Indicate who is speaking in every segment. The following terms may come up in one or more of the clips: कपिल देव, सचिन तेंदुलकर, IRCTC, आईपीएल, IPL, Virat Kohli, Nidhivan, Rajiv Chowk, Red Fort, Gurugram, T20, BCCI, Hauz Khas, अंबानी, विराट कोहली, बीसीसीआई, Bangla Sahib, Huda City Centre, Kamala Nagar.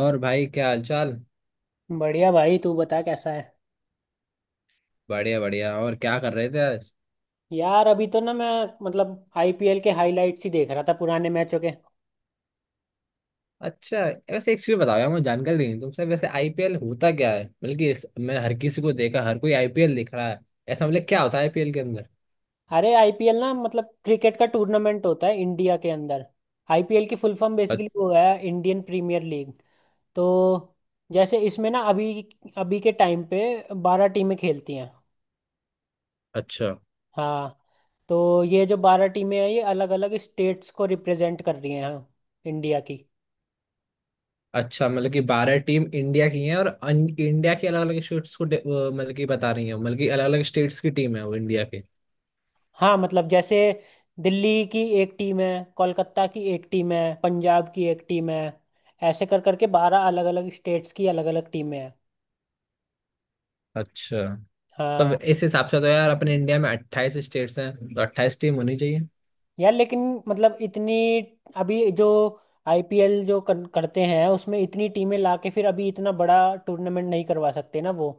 Speaker 1: और भाई क्या हालचाल।
Speaker 2: बढ़िया भाई। तू बता कैसा है?
Speaker 1: बढ़िया बढ़िया। और क्या कर रहे थे आज।
Speaker 2: यार, अभी तो ना मैं मतलब आईपीएल के हाइलाइट्स ही देख रहा था, पुराने मैचों के।
Speaker 1: अच्छा। वैसे एक चीज बताओ यार, मुझे जानकारी नहीं है, तुमसे वैसे आईपीएल होता क्या है। बल्कि मैंने हर किसी को देखा, हर कोई आईपीएल दिख रहा है। ऐसा मतलब क्या होता है आईपीएल के अंदर।
Speaker 2: अरे आईपीएल ना मतलब क्रिकेट का टूर्नामेंट होता है इंडिया के अंदर। आईपीएल की फुल फॉर्म
Speaker 1: अ-
Speaker 2: बेसिकली वो है इंडियन प्रीमियर लीग। तो जैसे इसमें ना अभी अभी के टाइम पे 12 टीमें खेलती हैं।
Speaker 1: अच्छा
Speaker 2: हाँ। तो ये जो 12 टीमें हैं ये अलग अलग स्टेट्स को रिप्रेजेंट कर रही हैं, हाँ, इंडिया की।
Speaker 1: अच्छा। मतलब कि बारह टीम इंडिया की हैं और इंडिया की अलग अलग स्टेट्स को मतलब कि बता रही हैं, मतलब कि अलग अलग स्टेट्स की टीम है वो इंडिया के।
Speaker 2: हाँ मतलब जैसे दिल्ली की एक टीम है, कोलकाता की एक टीम है, पंजाब की एक टीम है। ऐसे कर करके 12 अलग अलग स्टेट्स की अलग अलग टीमें हैं।
Speaker 1: अच्छा। तब
Speaker 2: हाँ।
Speaker 1: इस हिसाब से तो यार अपने इंडिया में अट्ठाईस स्टेट्स हैं, तो अट्ठाईस टीम होनी चाहिए।
Speaker 2: यार लेकिन मतलब इतनी, अभी जो आईपीएल जो करते हैं उसमें इतनी टीमें लाके फिर अभी इतना बड़ा टूर्नामेंट नहीं करवा सकते ना वो।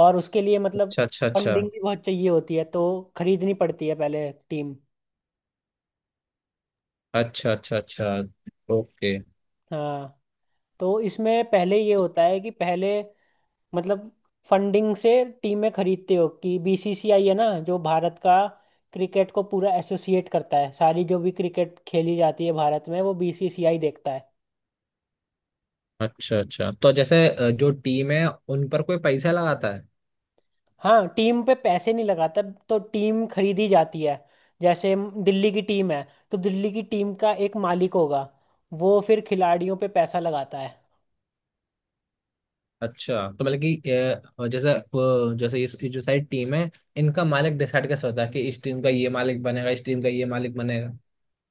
Speaker 2: और उसके लिए मतलब
Speaker 1: अच्छा अच्छा अच्छा।
Speaker 2: फंडिंग भी बहुत चाहिए होती है, तो खरीदनी पड़ती है पहले टीम।
Speaker 1: अच्छा अच्छा अच्छा। ओके।
Speaker 2: हाँ। तो इसमें पहले ये होता है कि पहले मतलब फंडिंग से टीमें खरीदते हो कि बीसीसीआई है ना, जो भारत का क्रिकेट को पूरा एसोसिएट करता है। सारी जो भी क्रिकेट खेली जाती है भारत में वो बीसीसीआई देखता है।
Speaker 1: अच्छा अच्छा। तो जैसे जो टीम है, उन पर कोई पैसा लगाता है।
Speaker 2: हाँ, टीम पे पैसे नहीं लगाता, तो टीम खरीदी जाती है। जैसे दिल्ली की टीम है, तो दिल्ली की टीम का एक मालिक होगा। वो फिर खिलाड़ियों पे पैसा लगाता है।
Speaker 1: अच्छा तो मतलब कि जैसे जैसे इस ये जो सारी टीम है, इनका मालिक डिसाइड कैसे होता है कि इस टीम का ये मालिक बनेगा, इस टीम का ये मालिक बनेगा।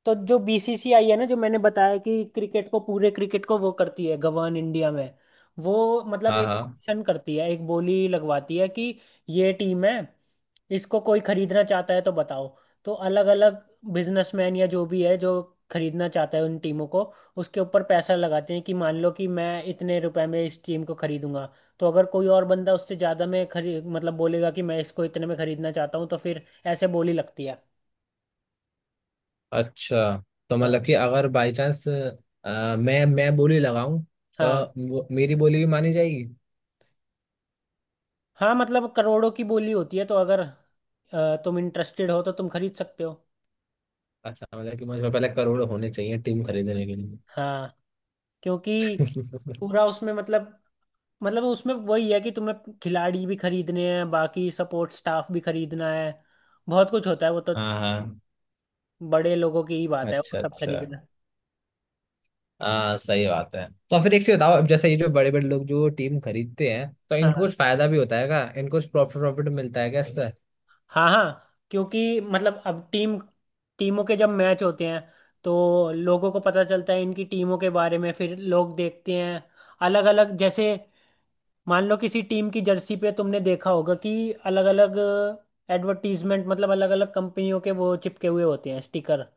Speaker 2: तो जो बीसीसीआई है ना, जो मैंने बताया कि क्रिकेट को पूरे क्रिकेट को वो करती है गवर्न इंडिया में। वो मतलब
Speaker 1: हाँ
Speaker 2: एक
Speaker 1: हाँ।
Speaker 2: ऑप्शन करती है, एक बोली लगवाती है कि ये टीम है, इसको कोई खरीदना चाहता है तो बताओ। तो अलग अलग बिजनेसमैन या जो भी है, जो खरीदना चाहता है उन टीमों को, उसके ऊपर पैसा लगाते हैं कि मान लो कि मैं इतने रुपए में इस टीम को खरीदूंगा। तो अगर कोई और बंदा उससे ज़्यादा में खरी मतलब बोलेगा कि मैं इसको इतने में खरीदना चाहता हूँ, तो फिर ऐसे बोली लगती है।
Speaker 1: अच्छा। तो
Speaker 2: हाँ,
Speaker 1: मतलब कि अगर बाई चांस मैं बोली लगाऊं, तो
Speaker 2: हाँ,
Speaker 1: मेरी बोली भी मानी जाएगी।
Speaker 2: हाँ मतलब करोड़ों की बोली होती है, तो अगर तुम इंटरेस्टेड हो तो तुम खरीद सकते हो।
Speaker 1: अच्छा मतलब कि मुझे पहले करोड़ होने चाहिए टीम खरीदने के लिए।
Speaker 2: हाँ क्योंकि पूरा उसमें मतलब, मतलब उसमें वही है कि तुम्हें खिलाड़ी भी खरीदने हैं, बाकी सपोर्ट स्टाफ भी खरीदना है। बहुत कुछ होता है वो तो।
Speaker 1: हाँ हाँ।
Speaker 2: बड़े लोगों की ही बात है वो
Speaker 1: अच्छा
Speaker 2: सब
Speaker 1: अच्छा।
Speaker 2: खरीदना।
Speaker 1: हाँ सही बात है। तो फिर एक चीज बताओ, अब जैसे ये जो बड़े बड़े लोग जो टीम खरीदते हैं, तो इनको
Speaker 2: हाँ,
Speaker 1: कुछ फायदा भी होता है क्या, इनको कुछ प्रॉफिट प्रॉफिट मिलता है क्या इससे।
Speaker 2: हाँ, हाँ क्योंकि मतलब अब टीमों के जब मैच होते हैं तो लोगों को पता चलता है इनकी टीमों के बारे में, फिर लोग देखते हैं अलग अलग। जैसे मान लो किसी टीम की जर्सी पे तुमने देखा होगा कि अलग अलग एडवर्टीजमेंट मतलब अलग अलग कंपनियों के वो चिपके हुए होते हैं स्टिकर।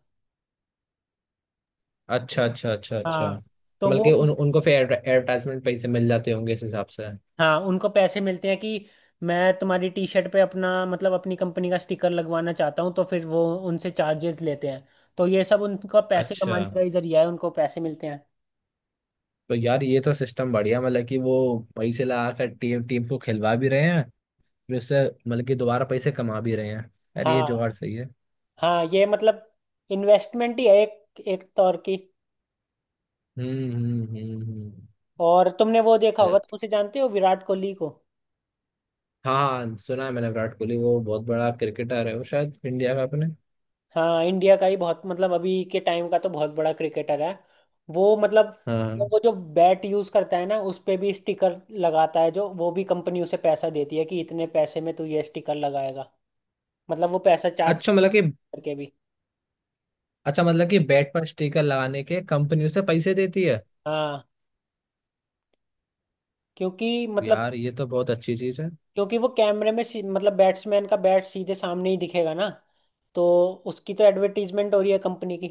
Speaker 1: अच्छा अच्छा अच्छा
Speaker 2: हाँ
Speaker 1: अच्छा। तो
Speaker 2: तो
Speaker 1: बल्कि
Speaker 2: वो,
Speaker 1: उन उनको फिर एडवर्टाइजमेंट पैसे मिल जाते होंगे इस हिसाब से।
Speaker 2: हाँ उनको पैसे मिलते हैं कि मैं तुम्हारी टी शर्ट पे अपना मतलब अपनी कंपनी का स्टिकर लगवाना चाहता हूँ, तो फिर वो उनसे चार्जेस लेते हैं। तो ये सब उनका पैसे
Speaker 1: अच्छा।
Speaker 2: कमाने का ही जरिया है, उनको पैसे मिलते हैं।
Speaker 1: तो यार ये तो सिस्टम बढ़िया, मतलब कि वो पैसे लगा कर टीम टीम को खिलवा भी रहे हैं, फिर उससे मतलब कि दोबारा पैसे कमा भी रहे हैं। यार ये जुगाड़
Speaker 2: हाँ,
Speaker 1: सही है।
Speaker 2: हाँ ये मतलब इन्वेस्टमेंट ही है एक एक तौर की।
Speaker 1: हम्म हम्म हम्म हम्म।
Speaker 2: और तुमने वो देखा होगा, तुम
Speaker 1: अच्छा,
Speaker 2: उसे जानते हो विराट कोहली को।
Speaker 1: हाँ सुना है मैंने विराट कोहली, वो बहुत बड़ा क्रिकेटर है, वो शायद इंडिया का अपने।
Speaker 2: हाँ इंडिया का ही बहुत मतलब अभी के टाइम का तो बहुत बड़ा क्रिकेटर है वो मतलब।
Speaker 1: हाँ।
Speaker 2: वो जो बैट यूज करता है ना उस पे भी स्टिकर लगाता है, जो वो भी कंपनी उसे पैसा देती है कि इतने पैसे में तू ये स्टिकर लगाएगा। मतलब वो पैसा चार्ज
Speaker 1: अच्छा मतलब कि
Speaker 2: करके भी,
Speaker 1: अच्छा मतलब कि बैट पर स्टिकर लगाने के कंपनी उसे पैसे देती है।
Speaker 2: हाँ क्योंकि मतलब,
Speaker 1: यार ये तो बहुत अच्छी चीज है।
Speaker 2: क्योंकि वो कैमरे में मतलब बैट्समैन का बैट सीधे सामने ही दिखेगा ना। तो उसकी तो एडवर्टीजमेंट हो रही है कंपनी की।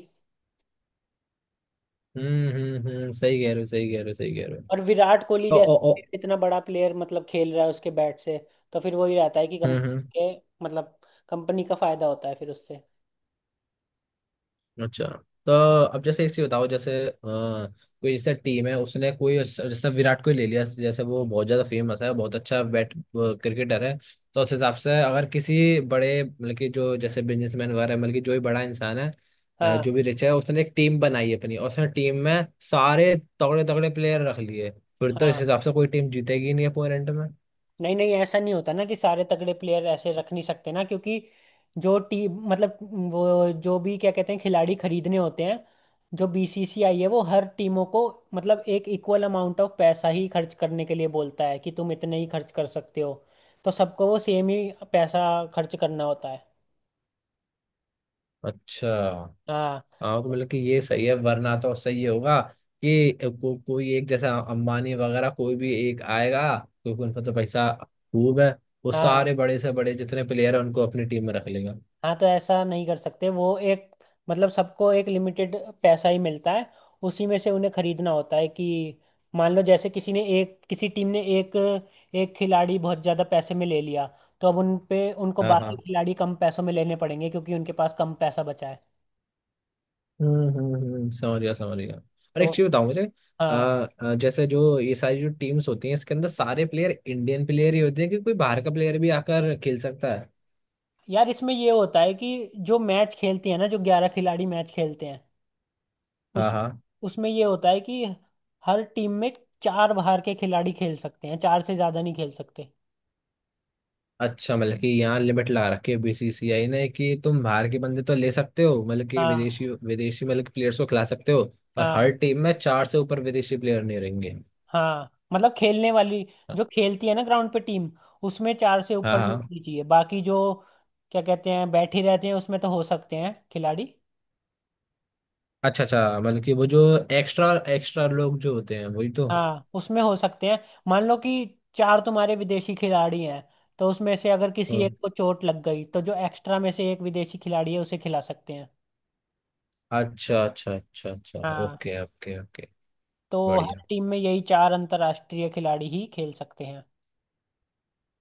Speaker 1: हम्म, सही कह रहे हो, सही कह रहे हो, सही कह रहे।
Speaker 2: और
Speaker 1: हो
Speaker 2: विराट कोहली
Speaker 1: ओ ओ ओ।
Speaker 2: जैसे इतना बड़ा प्लेयर मतलब खेल रहा है उसके बैट से, तो फिर वही रहता है कि
Speaker 1: हम्म।
Speaker 2: कंपनी के मतलब कंपनी का फायदा होता है फिर उससे।
Speaker 1: अच्छा। तो अब जैसे इसी बताओ, जैसे कोई जैसे टीम है, उसने कोई जैसे विराट कोहली ले लिया, जैसे वो बहुत ज्यादा फेमस है, बहुत अच्छा बैट क्रिकेटर है। तो उस हिसाब से अगर किसी बड़े मतलब कि जो जैसे बिजनेसमैन वगैरह है, मतलब कि जो भी बड़ा इंसान है, जो
Speaker 2: हाँ,
Speaker 1: भी रिच है, उसने एक टीम बनाई अपनी, और उसने टीम में सारे तगड़े तगड़े प्लेयर रख लिए, फिर तो
Speaker 2: हाँ
Speaker 1: इस हिसाब से कोई टीम जीतेगी नहीं अपोनेंट में।
Speaker 2: नहीं नहीं ऐसा नहीं होता ना कि सारे तगड़े प्लेयर ऐसे रख नहीं सकते ना, क्योंकि जो टीम मतलब, वो जो भी क्या कहते हैं खिलाड़ी खरीदने होते हैं, जो बीसीसीआई है वो हर टीमों को मतलब एक इक्वल अमाउंट ऑफ पैसा ही खर्च करने के लिए बोलता है कि तुम इतने ही खर्च कर सकते हो। तो सबको वो सेम ही पैसा खर्च करना होता है।
Speaker 1: अच्छा।
Speaker 2: हाँ,
Speaker 1: हाँ तो मतलब कि ये सही है, वरना तो सही होगा कि कोई एक जैसा अंबानी वगैरह कोई भी एक आएगा, क्योंकि उनका तो पैसा खूब है, वो
Speaker 2: हाँ,
Speaker 1: सारे बड़े से बड़े जितने प्लेयर हैं उनको अपनी टीम में रख लेगा।
Speaker 2: हाँ तो ऐसा नहीं कर सकते वो, एक मतलब सबको एक लिमिटेड पैसा ही मिलता है, उसी में से उन्हें खरीदना होता है कि मान लो जैसे किसी ने एक, किसी टीम ने एक एक खिलाड़ी बहुत ज़्यादा पैसे में ले लिया, तो अब उन पे उनको
Speaker 1: हाँ
Speaker 2: बाकी
Speaker 1: हाँ।
Speaker 2: खिलाड़ी कम पैसों में लेने पड़ेंगे क्योंकि उनके पास कम पैसा बचा है।
Speaker 1: समझ गया समझ गया। और
Speaker 2: तो
Speaker 1: एक चीज बताओ मुझे, आ,
Speaker 2: हाँ,
Speaker 1: आ, जैसे जो ये सारी जो टीम्स होती हैं, इसके अंदर सारे प्लेयर इंडियन प्लेयर ही होते हैं, कि कोई बाहर का प्लेयर भी आकर खेल सकता है।
Speaker 2: यार इसमें ये होता है कि जो मैच खेलते हैं ना जो 11 खिलाड़ी मैच खेलते हैं, उस
Speaker 1: हाँ हाँ।
Speaker 2: उसमें ये होता है कि हर टीम में चार बाहर के खिलाड़ी खेल सकते हैं, चार से ज़्यादा नहीं खेल सकते।
Speaker 1: अच्छा मतलब कि यहाँ लिमिट ला रखी है बीसीसीआई ने, कि तुम बाहर के बंदे तो ले सकते हो, मतलब कि
Speaker 2: हाँ,
Speaker 1: विदेशी विदेशी मतलब कि प्लेयर्स को खिला सकते हो, पर
Speaker 2: हाँ,
Speaker 1: हर टीम में चार से ऊपर विदेशी प्लेयर नहीं रहेंगे।
Speaker 2: हाँ मतलब खेलने वाली, जो खेलती है ना ग्राउंड पे टीम, उसमें चार से
Speaker 1: हाँ
Speaker 2: ऊपर नहीं
Speaker 1: हाँ।
Speaker 2: होनी चाहिए, बाकी जो क्या कहते हैं बैठे रहते हैं उसमें तो हो सकते हैं खिलाड़ी।
Speaker 1: अच्छा अच्छा मतलब कि वो जो एक्स्ट्रा एक्स्ट्रा लोग जो होते हैं वही तो।
Speaker 2: हाँ उसमें हो सकते हैं। मान लो कि चार तुम्हारे विदेशी खिलाड़ी हैं, तो उसमें से अगर किसी
Speaker 1: हम्म।
Speaker 2: एक को चोट लग गई तो जो एक्स्ट्रा में से एक विदेशी खिलाड़ी है उसे खिला सकते हैं।
Speaker 1: अच्छा अच्छा अच्छा अच्छा।
Speaker 2: हाँ,
Speaker 1: ओके ओके ओके।
Speaker 2: तो हर
Speaker 1: बढ़िया।
Speaker 2: टीम में यही चार अंतर्राष्ट्रीय खिलाड़ी ही खेल सकते हैं।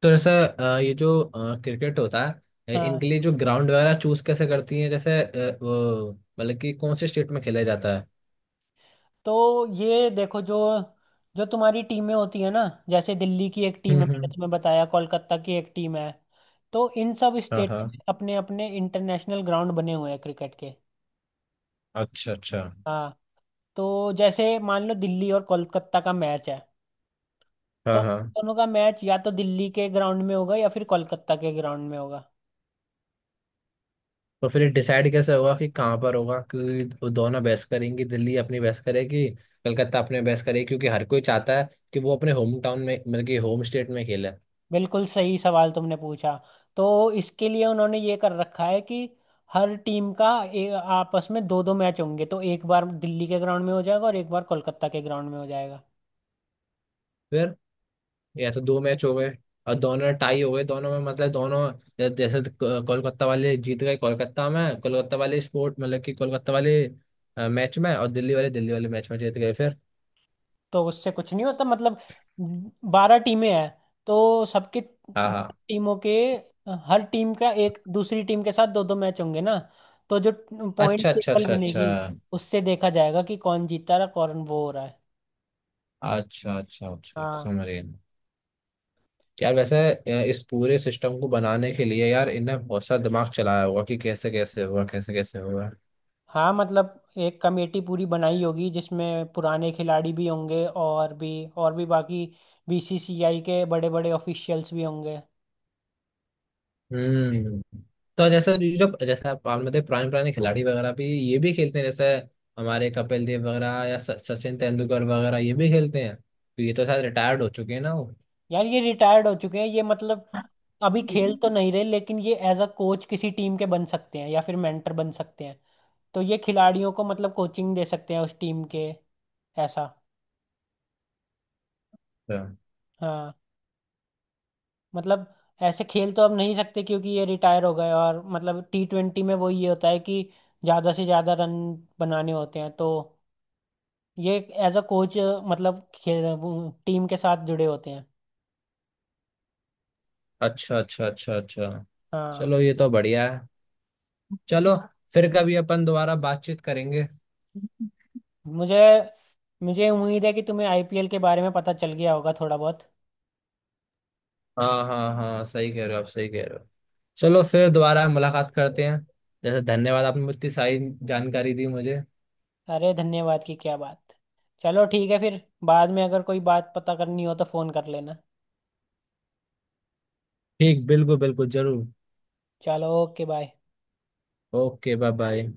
Speaker 1: तो जैसे ये जो क्रिकेट होता है,
Speaker 2: हाँ।
Speaker 1: इनके लिए जो ग्राउंड वगैरह चूज कैसे करती हैं, जैसे वो मतलब कि कौन से स्टेट में खेला जाता है।
Speaker 2: तो ये देखो जो, जो तुम्हारी टीमें होती है ना, जैसे दिल्ली की एक टीम है मैंने
Speaker 1: हम्म।
Speaker 2: तुम्हें बताया, कोलकाता की एक टीम है, तो इन सब
Speaker 1: हाँ
Speaker 2: स्टेटों
Speaker 1: हाँ।
Speaker 2: में अपने अपने इंटरनेशनल ग्राउंड बने हुए हैं क्रिकेट के।
Speaker 1: अच्छा अच्छा।
Speaker 2: हाँ, तो जैसे मान लो दिल्ली और कोलकाता का मैच है,
Speaker 1: हाँ
Speaker 2: तो
Speaker 1: हाँ।
Speaker 2: दोनों का मैच या तो दिल्ली के ग्राउंड में होगा या फिर कोलकाता के ग्राउंड में होगा।
Speaker 1: तो फिर ये डिसाइड कैसे होगा कि कहाँ पर होगा, क्योंकि वो दोनों बहस करेंगी, दिल्ली अपनी बहस करेगी, कलकत्ता अपने बहस करेगी, क्योंकि हर कोई चाहता है कि वो अपने होम टाउन में मतलब कि होम स्टेट में खेले।
Speaker 2: बिल्कुल सही सवाल तुमने पूछा। तो इसके लिए उन्होंने ये कर रखा है कि हर टीम का आपस में दो दो मैच होंगे, तो एक बार दिल्ली के ग्राउंड में हो जाएगा और एक बार कोलकाता के ग्राउंड में हो जाएगा।
Speaker 1: फिर या तो दो मैच हो गए और दोनों टाई हो गए, दोनों में मतलब दोनों जैसे कोलकाता वाले जीत गए कोलकाता में, कोलकाता वाले स्पोर्ट मतलब कि कोलकाता वाले मैच में, और दिल्ली वाले मैच में जीत गए फिर।
Speaker 2: तो उससे कुछ नहीं होता, मतलब 12 टीमें हैं, तो सबके
Speaker 1: हाँ हाँ।
Speaker 2: टीमों के, हर टीम का एक दूसरी टीम के साथ दो दो मैच होंगे ना। तो जो पॉइंट
Speaker 1: अच्छा अच्छा
Speaker 2: टेबल
Speaker 1: अच्छा अच्छा।
Speaker 2: बनेगी उससे देखा जाएगा कि कौन जीता रहा कौन वो हो रहा है।
Speaker 1: अच्छा अच्छा अच्छा
Speaker 2: हाँ,
Speaker 1: समझ गए। यार वैसे इस पूरे सिस्टम को बनाने के लिए यार इनने बहुत सा दिमाग चलाया होगा, कि कैसे कैसे होगा कैसे कैसे होगा।
Speaker 2: हाँ मतलब एक कमेटी पूरी बनाई होगी जिसमें पुराने खिलाड़ी भी होंगे, और भी, और भी बाकी बीसीसीआई के बड़े बड़े ऑफिशियल्स भी होंगे।
Speaker 1: हम्म। तो जैसे ये जो जैसे आप मान लेते पुराने पुराने खिलाड़ी वगैरह भी ये भी खेलते हैं, जैसे हमारे कपिल देव वगैरह या सचिन तेंदुलकर वगैरह ये भी खेलते हैं, तो ये तो शायद रिटायर्ड हो चुके हैं ना वो।
Speaker 2: यार ये रिटायर्ड हो चुके हैं, ये मतलब अभी खेल तो नहीं रहे, लेकिन ये एज अ कोच किसी टीम के बन सकते हैं या फिर मेंटर बन सकते हैं। तो ये खिलाड़ियों को मतलब कोचिंग दे सकते हैं उस टीम के। ऐसा, हाँ मतलब ऐसे खेल तो अब नहीं सकते क्योंकि ये रिटायर हो गए, और मतलब T20 में वो ये होता है कि ज़्यादा से ज़्यादा रन बनाने होते हैं, तो ये एज अ कोच मतलब खेल टीम के साथ जुड़े होते हैं।
Speaker 1: अच्छा अच्छा अच्छा अच्छा अच्छा।
Speaker 2: हाँ।
Speaker 1: चलो ये तो बढ़िया है। चलो फिर कभी अपन दोबारा बातचीत करेंगे।
Speaker 2: मुझे मुझे उम्मीद है कि तुम्हें आईपीएल के बारे में पता चल गया होगा थोड़ा बहुत।
Speaker 1: हाँ हाँ हाँ सही कह रहे हो, आप सही कह रहे हो। चलो फिर दोबारा मुलाकात करते हैं। जैसे धन्यवाद आपने मुझे इतनी सारी जानकारी दी मुझे।
Speaker 2: अरे, धन्यवाद की क्या बात। चलो ठीक है फिर, बाद में अगर कोई बात पता करनी हो तो फ़ोन कर लेना।
Speaker 1: ठीक, बिल्कुल बिल्कुल जरूर।
Speaker 2: चलो okay bye.
Speaker 1: Okay bye bye.